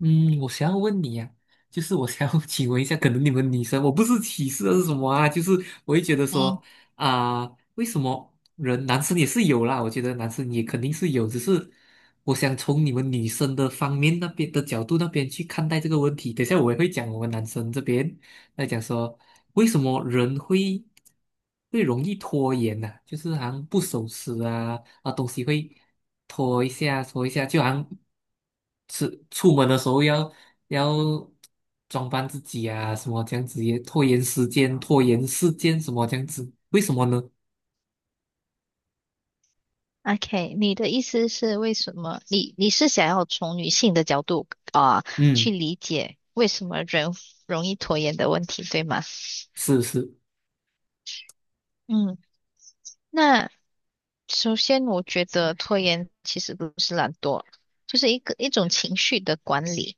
嗯，我想要问你呀，就是我想要 请问一下。可能你们女生，我不是歧视还是什么啊，就是我会觉得嗯说啊，为什么人男生也是有啦，我觉得男生也肯定是有，只是我想从你们女生的方面那边的角度那边去看待这个问题。等一下我也会讲我们男生这边，在讲说为什么人会容易拖延呢，就是好像不守时啊，东西会拖一下拖一下，就好像是出门的时候要装扮自己啊，什么这样子也拖延时间，拖延时间什么这样子，为什么呢？，OK，你的意思是为什么？你是想要从女性的角度啊，去嗯，理解为什么人容易拖延的问题，对吗？是是，嗯，那首先我觉得拖延其实不是懒惰，就是一种情绪的管理。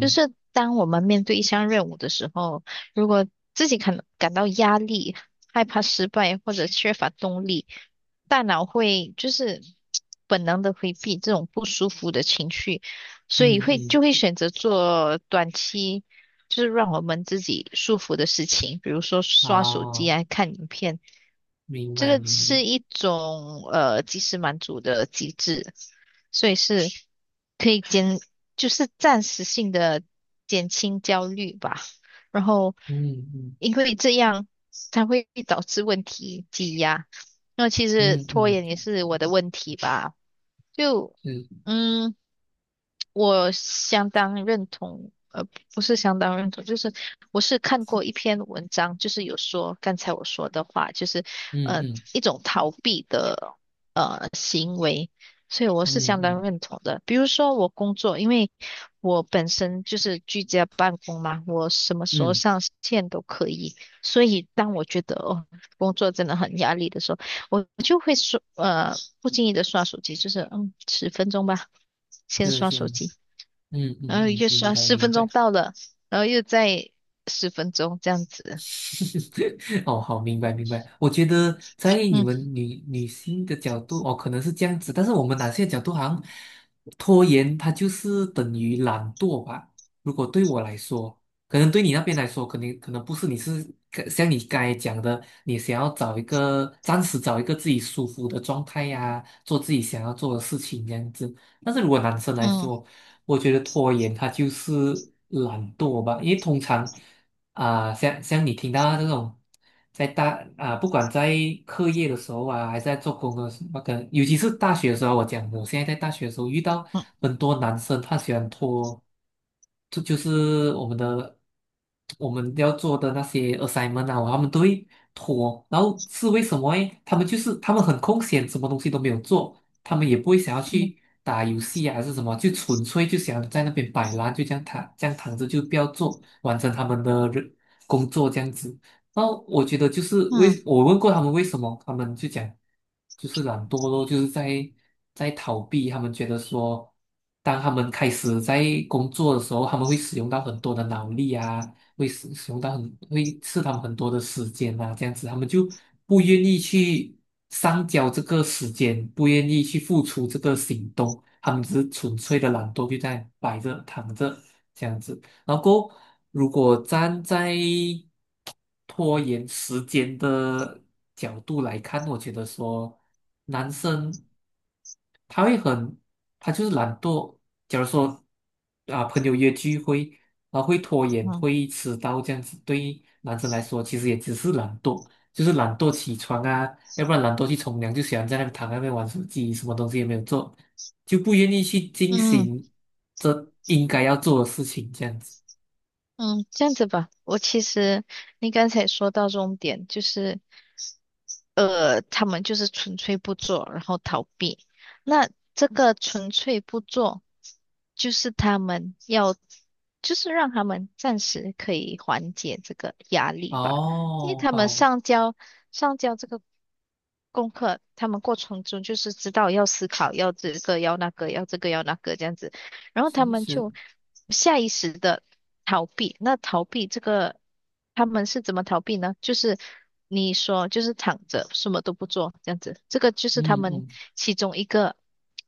就是当我们面对一项任务的时候，如果自己感到压力、害怕失败或者缺乏动力，大脑会就是本能的回避这种不舒服的情绪，所以嗯会嗯，就会选择做短期就是让我们自己舒服的事情，比如说刷手机哦，啊、看影片，明这白个明白，是一种及时满足的机制。所以是可以减，就是暂时性的减轻焦虑吧。然后，嗯嗯因为这样它会导致问题积压。那其实嗯拖嗯，延也是我的问题吧，就是，嗯。我相当认同，不是相当认同，就是我是看过一篇文章，就是有说刚才我说的话，就是嗯呃嗯一种逃避的行为，所以我嗯是相当嗯认同的。比如说我工作，因为我本身就是居家办公嘛，我什么时候嗯，上线都可以，所以当我觉得哦工作真的很压力的时候，我就会说不经意的刷手机，就是十分钟吧，先是刷是。手机。嗯然嗯后嗯，又明说白十明分钟白。到了，然后又再十分钟这样子。哦，好，明白明白。我觉得在你嗯们女性的角度，哦，可能是这样子，但是我们男性的角度好像拖延，它就是等于懒惰吧。如果对我来说，可能对你那边来说，可能不是，你是像你刚才讲的，你想要找一个暂时找一个自己舒服的状态呀，做自己想要做的事情这样子。但是如果男生来嗯说，我觉得拖延它就是懒惰吧，因为通常。啊，像你听到这种，在大啊，不管在课业的时候啊，还是在做工的时候，那个，尤其是大学的时候，我讲我现在在大学的时候遇到嗯很多男生，他喜欢拖，这就是我们要做的那些 assignment 啊，他们都会拖，然后是为什么诶？他们很空闲，什么东西都没有做，他们也不会想要嗯去打游戏啊，还是什么，就纯粹就想在那边摆烂，就这样躺，这样躺着就不要做，完成他们的工作这样子。然后我觉得就是嗯为我问过他们为什么，他们就讲就是懒惰咯，就是在逃避。他们觉得说，当他们开始在工作的时候，他们会使用到很多的脑力啊，会使使用到很会吃他们很多的时间啊，这样子他们就不愿意去上交这个时间，不愿意去付出这个行动，他们只是纯粹的懒惰，就在摆着躺着这样子。然后过后如果站在拖延时间的角度来看，我觉得说男生他会很，他就是懒惰。假如说啊，朋友约聚会啊，会拖延，嗯会迟到这样子，对于男生来说，其实也只是懒惰，就是懒惰起床啊，要不然懒惰去冲凉，就喜欢在那边躺在那边玩手机，什么东西也没有做，就不愿意去进嗯行这应该要做的事情，这样子。嗯，嗯这样子吧。我其实你刚才说到重点，就是他们就是纯粹不做，然后逃避。那这个纯粹不做，就是他们要，就是让他们暂时可以缓解这个压力吧，因为哦，他们好，上交这个功课，他们过程中就是知道要思考，要这个要那个，要这个要那个这样子。然后他是们是，就下意识的逃避。那逃避这个，他们是怎么逃避呢？就是你说，就是躺着，什么都不做，这样子，这个就是他嗯们嗯。其中一个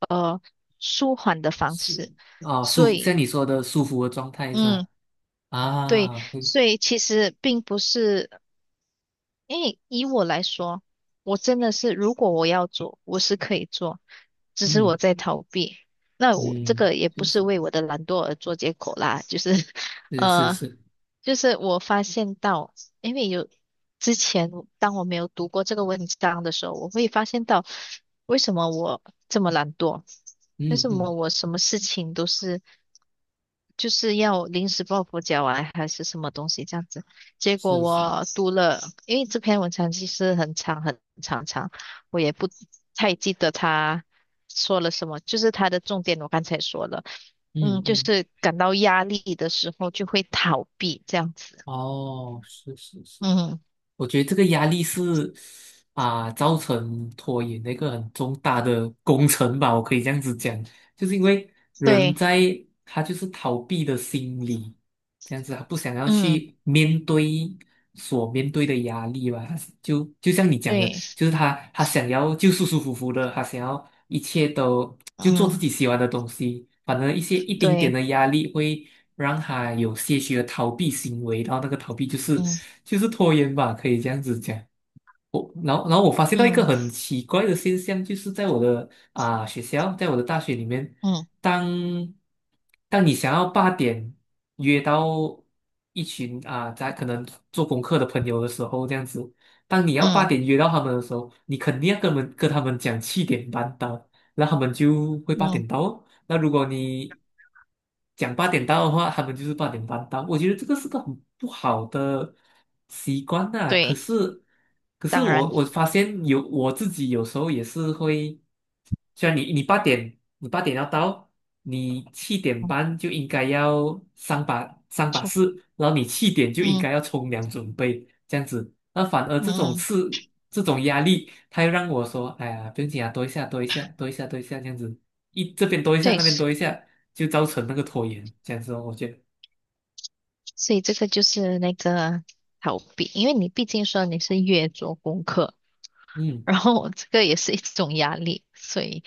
呃舒缓的方是式。啊，所像以，你说的舒服的状态是嗯，吧对，啊，会，所以其实并不是。因为以我来说，我真的是，如果我要做，我是可以做，只是嗯我在逃避。那我这嗯，个也不就是是为我的懒惰而做借口啦，就是，是是呃，是，就是我发现到，因为有之前当我没有读过这个文章的时候，我会发现到为什么我这么懒惰，为嗯什么嗯我什么事情都是。就是要临时抱佛脚啊，还是什么东西这样子。结果是是，我读了，因为这篇文章其实很长很长，我也不太记得他说了什么，就是他的重点我刚才说了，嗯，嗯就嗯，是感到压力的时候就会逃避这样子。哦，是是是。嗯，我觉得这个压力是啊，造成拖延的一个很重大的工程吧，我可以这样子讲，就是因为人对，在他就是逃避的心理，这样子他不想要嗯，去面对所面对的压力吧，他是就像你讲的，对，就是他想要就舒舒服服的，他想要一切都就做自嗯，己喜欢的东西，反正一丁点对，的压力会让他有些许的逃避行为，然后那个逃避就嗯，是拖延吧，可以这样子讲。我然后我发现到一个嗯，很奇怪的现象，就是在我的学校，在我的大学里面，嗯，当当你想要八点约到一群啊，在可能做功课的朋友的时候，这样子，当你要八嗯，点约到他们的时候，你肯定要跟他们讲七点半到，然后他们就会八嗯，点到哦。那如果你讲八点到的话，他们就是8点半到。我觉得这个是个很不好的习惯呐，可对，是，可是当我然，我发现有我自己有时候也是会，虽然你八点要到，你七点嗯，半就应该要上把错，式，然后你七点就应嗯，该要冲凉准备这样子。那反而嗯，这种嗯事这种压力，他又让我说，哎呀，不用紧啊，多一下多一下多一下多一下这样子。这边多一下，那对。边多一下，就造成那个拖延，这样子哦，我觉得。所以这个就是那个逃避，因为你毕竟说你是越做功课，嗯然后这个也是一种压力，所以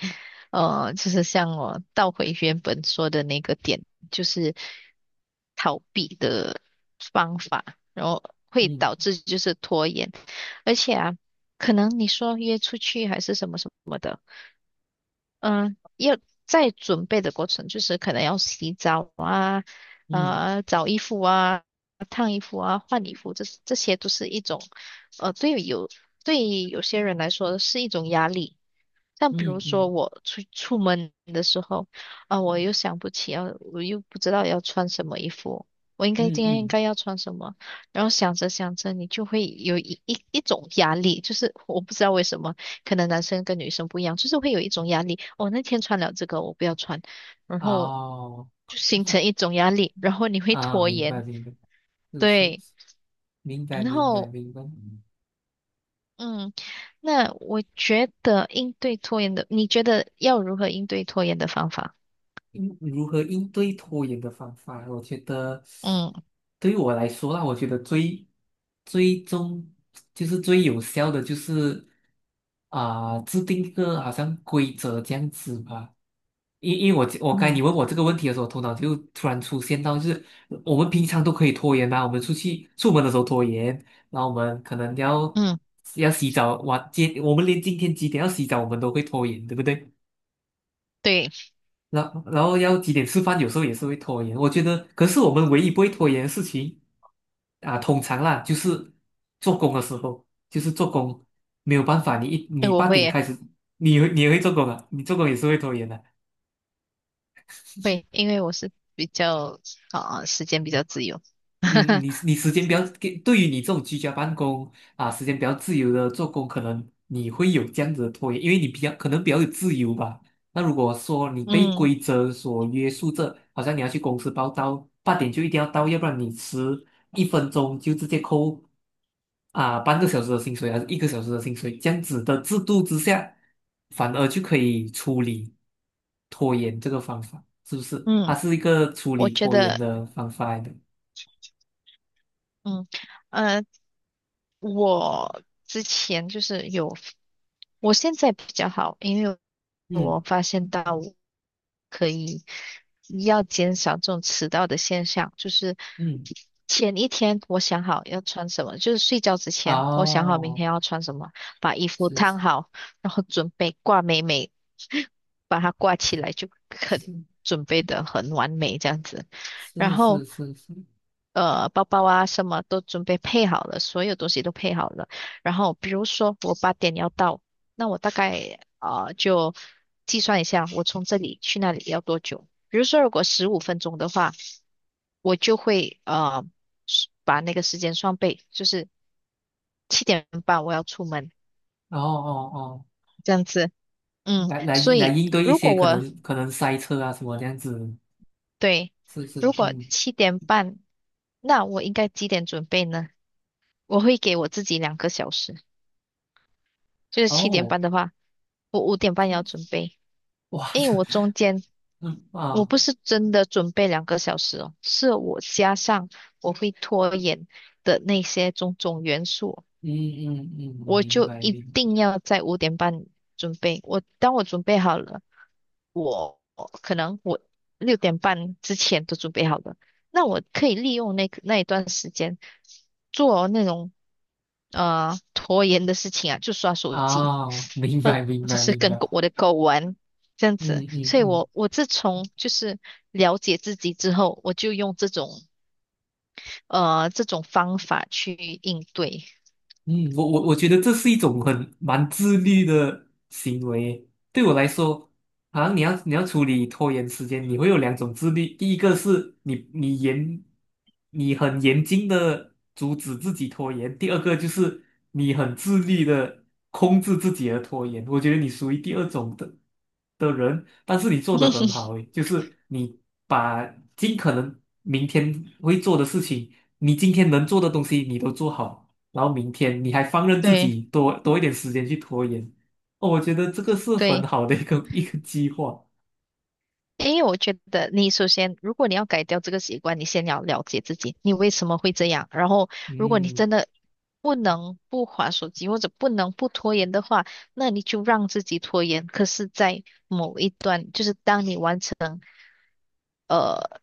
就是像我倒回原本说的那个点，就是逃避的方法，然后会导嗯致就是拖延，而且啊，可能你说约出去还是什么什么的。嗯，要在准备的过程，就是可能要洗澡嗯找衣服啊、烫衣服啊、换衣服，这些都是一种呃对有对有些人来说是一种压力。像比如嗯说嗯我出门的时候，啊、我又想不起要，我又不知道要穿什么衣服，我应该嗯今天应嗯，该要穿什么，然后想着想着，你就会有一种压力，就是我不知道为什么，可能男生跟女生不一样，就是会有一种压力。我、那天穿了这个，我不要穿，然后哦就形成一种压力，然后你会啊，拖明白延，明白，是是对，是，明白然明白后明白。嗯，那我觉得应对拖延的，你觉得要如何应对拖延的方法？如何应对拖延的方法，我觉得嗯对于我来说啦，我觉得最终就是最有效的就是啊，制定一个好像规则这样子吧。因为我该嗯你问我这个问题的时候，头脑就突然出现到，就是我们平常都可以拖延嘛，我们出去出门的时候拖延，然后我们可能要嗯，要洗澡，今我们连今天几点要洗澡我们都会拖延，对不对？对，然后要几点吃饭，有时候也是会拖延。我觉得，可是我们唯一不会拖延的事情啊，通常啦，就是做工的时候，就是做工没有办法，你一哎，你我八会点耶，开始，你也会做工啊，你做工也是会拖延的。会，因为我是比较啊、时间比较自由，嗯，你 你时间比较给，对于你这种居家办公啊，时间比较自由的做工，可能你会有这样子的拖延，因为你可能比较有自由吧。那如果说你被嗯规则所约束着，好像你要去公司报到，八点就一定要到，要不然你迟1分钟就直接扣啊半个小时的薪水，还是1个小时的薪水，这样子的制度之下，反而就可以处理拖延这个方法，是不是？它嗯，是一个处我理觉拖延得的方法来的。嗯呃，我之前就是有我现在比较好，因为我嗯发现到我可以要减少这种迟到的现象，就是嗯。前一天我想好要穿什么，就是睡觉之前我想好明哦，天要穿什么，把衣服是是烫好，然后准备挂美美，把它挂起来是准备的很完美这样子，然是是后。是是，包包啊，什么都准备配好了，所有东西都配好了。然后比如说我8点要到，那我大概啊、就计算一下，我从这里去那里要多久。比如说，如果15分钟的话，我就会是把那个时间双倍，就是七点半我要出门哦哦哦。这样子。嗯，来来所来以应对一如些果可我能可能塞车啊什么这样子，对，是是如果嗯，七点半，那我应该几点准备呢？我会给我自己两个小时，就是七点哦，半的话，我五点半要准备，哇，因为我这中间嗯我啊，不是真的准备两个小时哦，是我加上我会拖延的那些种种元素，嗯嗯嗯，嗯我明就白一明定要在五点半准备。当我准备好了，我可能我6点半之前都准备好了，那我可以利用那一段时间做那种拖延的事情啊，就刷手啊，机，哦明或白明者白是明跟狗白，我的狗玩这样嗯子。嗯所以嗯我自从就是了解自己之后，我就用这种方法去应对。嗯。我觉得这是一种很蛮自律的行为。对我来说，好像你要处理拖延时间，你会有两种自律。第一个是你很严谨的阻止自己拖延；第二个就是你很自律的控制自己的拖延。我觉得你属于第二种的人，但是你做的很好 诶，就是你把尽可能明天会做的事情，你今天能做的东西你都做好。然后明天你还放任自对己多一点时间去拖延，哦，我觉得这个是很对，好的一个 一个计划。因为我觉得你首先，如果你要改掉这个习惯，你先要了解自己，你为什么会这样。然后，如果你嗯，真的不能不划手机或者不能不拖延的话，那你就让自己拖延。可是，在某一，就是当你完成呃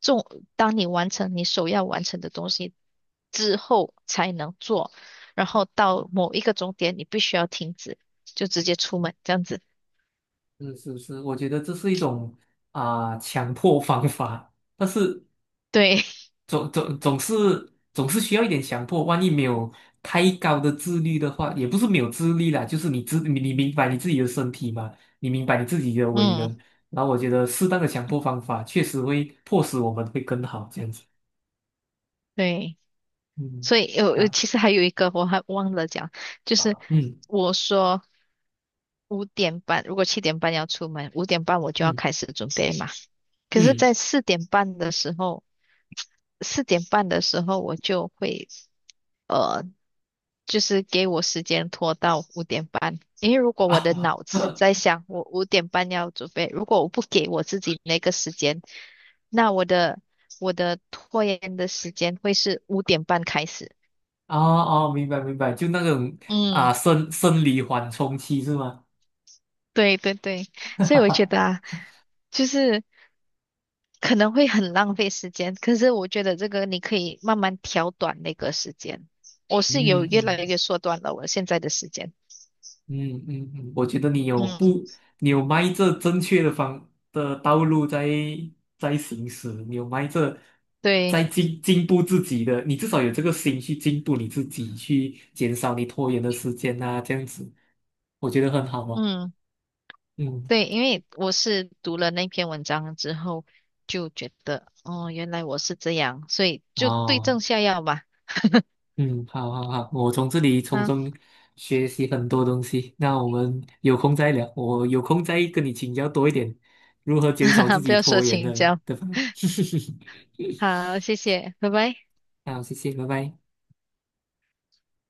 重，当你完成你首要完成的东西之后才能做，然后到某一个终点，你必须要停止，就直接出门这样子。是是是，我觉得这是一种啊，强迫方法，但是对，总是需要一点强迫，万一没有太高的自律的话，也不是没有自律啦，就是你明白你自己的身体嘛，你明白你自己的 为嗯，人，然后我觉得适当的强迫方法确实会迫使我们会更好这样子。对。嗯所以有，啊其实还有一个我还忘了讲，就是嗯我说五点半，如果七点半要出门，五点半我就要嗯。开始准备嘛。可是，嗯在四点半的时候我就会呃，就是给我时间拖到五点半，因为如果我的啊 脑子 在想我五点半要准备，如果我不给我自己那个时间，那我的拖延的时间会是五点半开始。哦哦，明白明白，就那种嗯。啊生理缓冲期是吗？对对对，所以我觉得 啊，就是可能会很浪费时间，可是我觉得这个你可以慢慢调短那个时间。我嗯是有越来嗯越缩短了我现在的时间。嗯嗯嗯，我觉得你有嗯，不，你有迈着正确的道路在行驶，你有迈着在对，进步自己的，你至少有这个心去进步你自己，去减少你拖延的时间呐，这样子，我觉得很好哦。嗯，嗯，对，因为我是读了那篇文章之后，就觉得哦，原来我是这样，所以就对症哦。下药吧。嗯，好好好，我从这里从啊，中学习很多东西。那我们有空再聊，我有空再跟你请教多一点，如何减少自 不己要说拖延请的教。的方。好，谢谢，拜拜。好，谢谢，拜拜。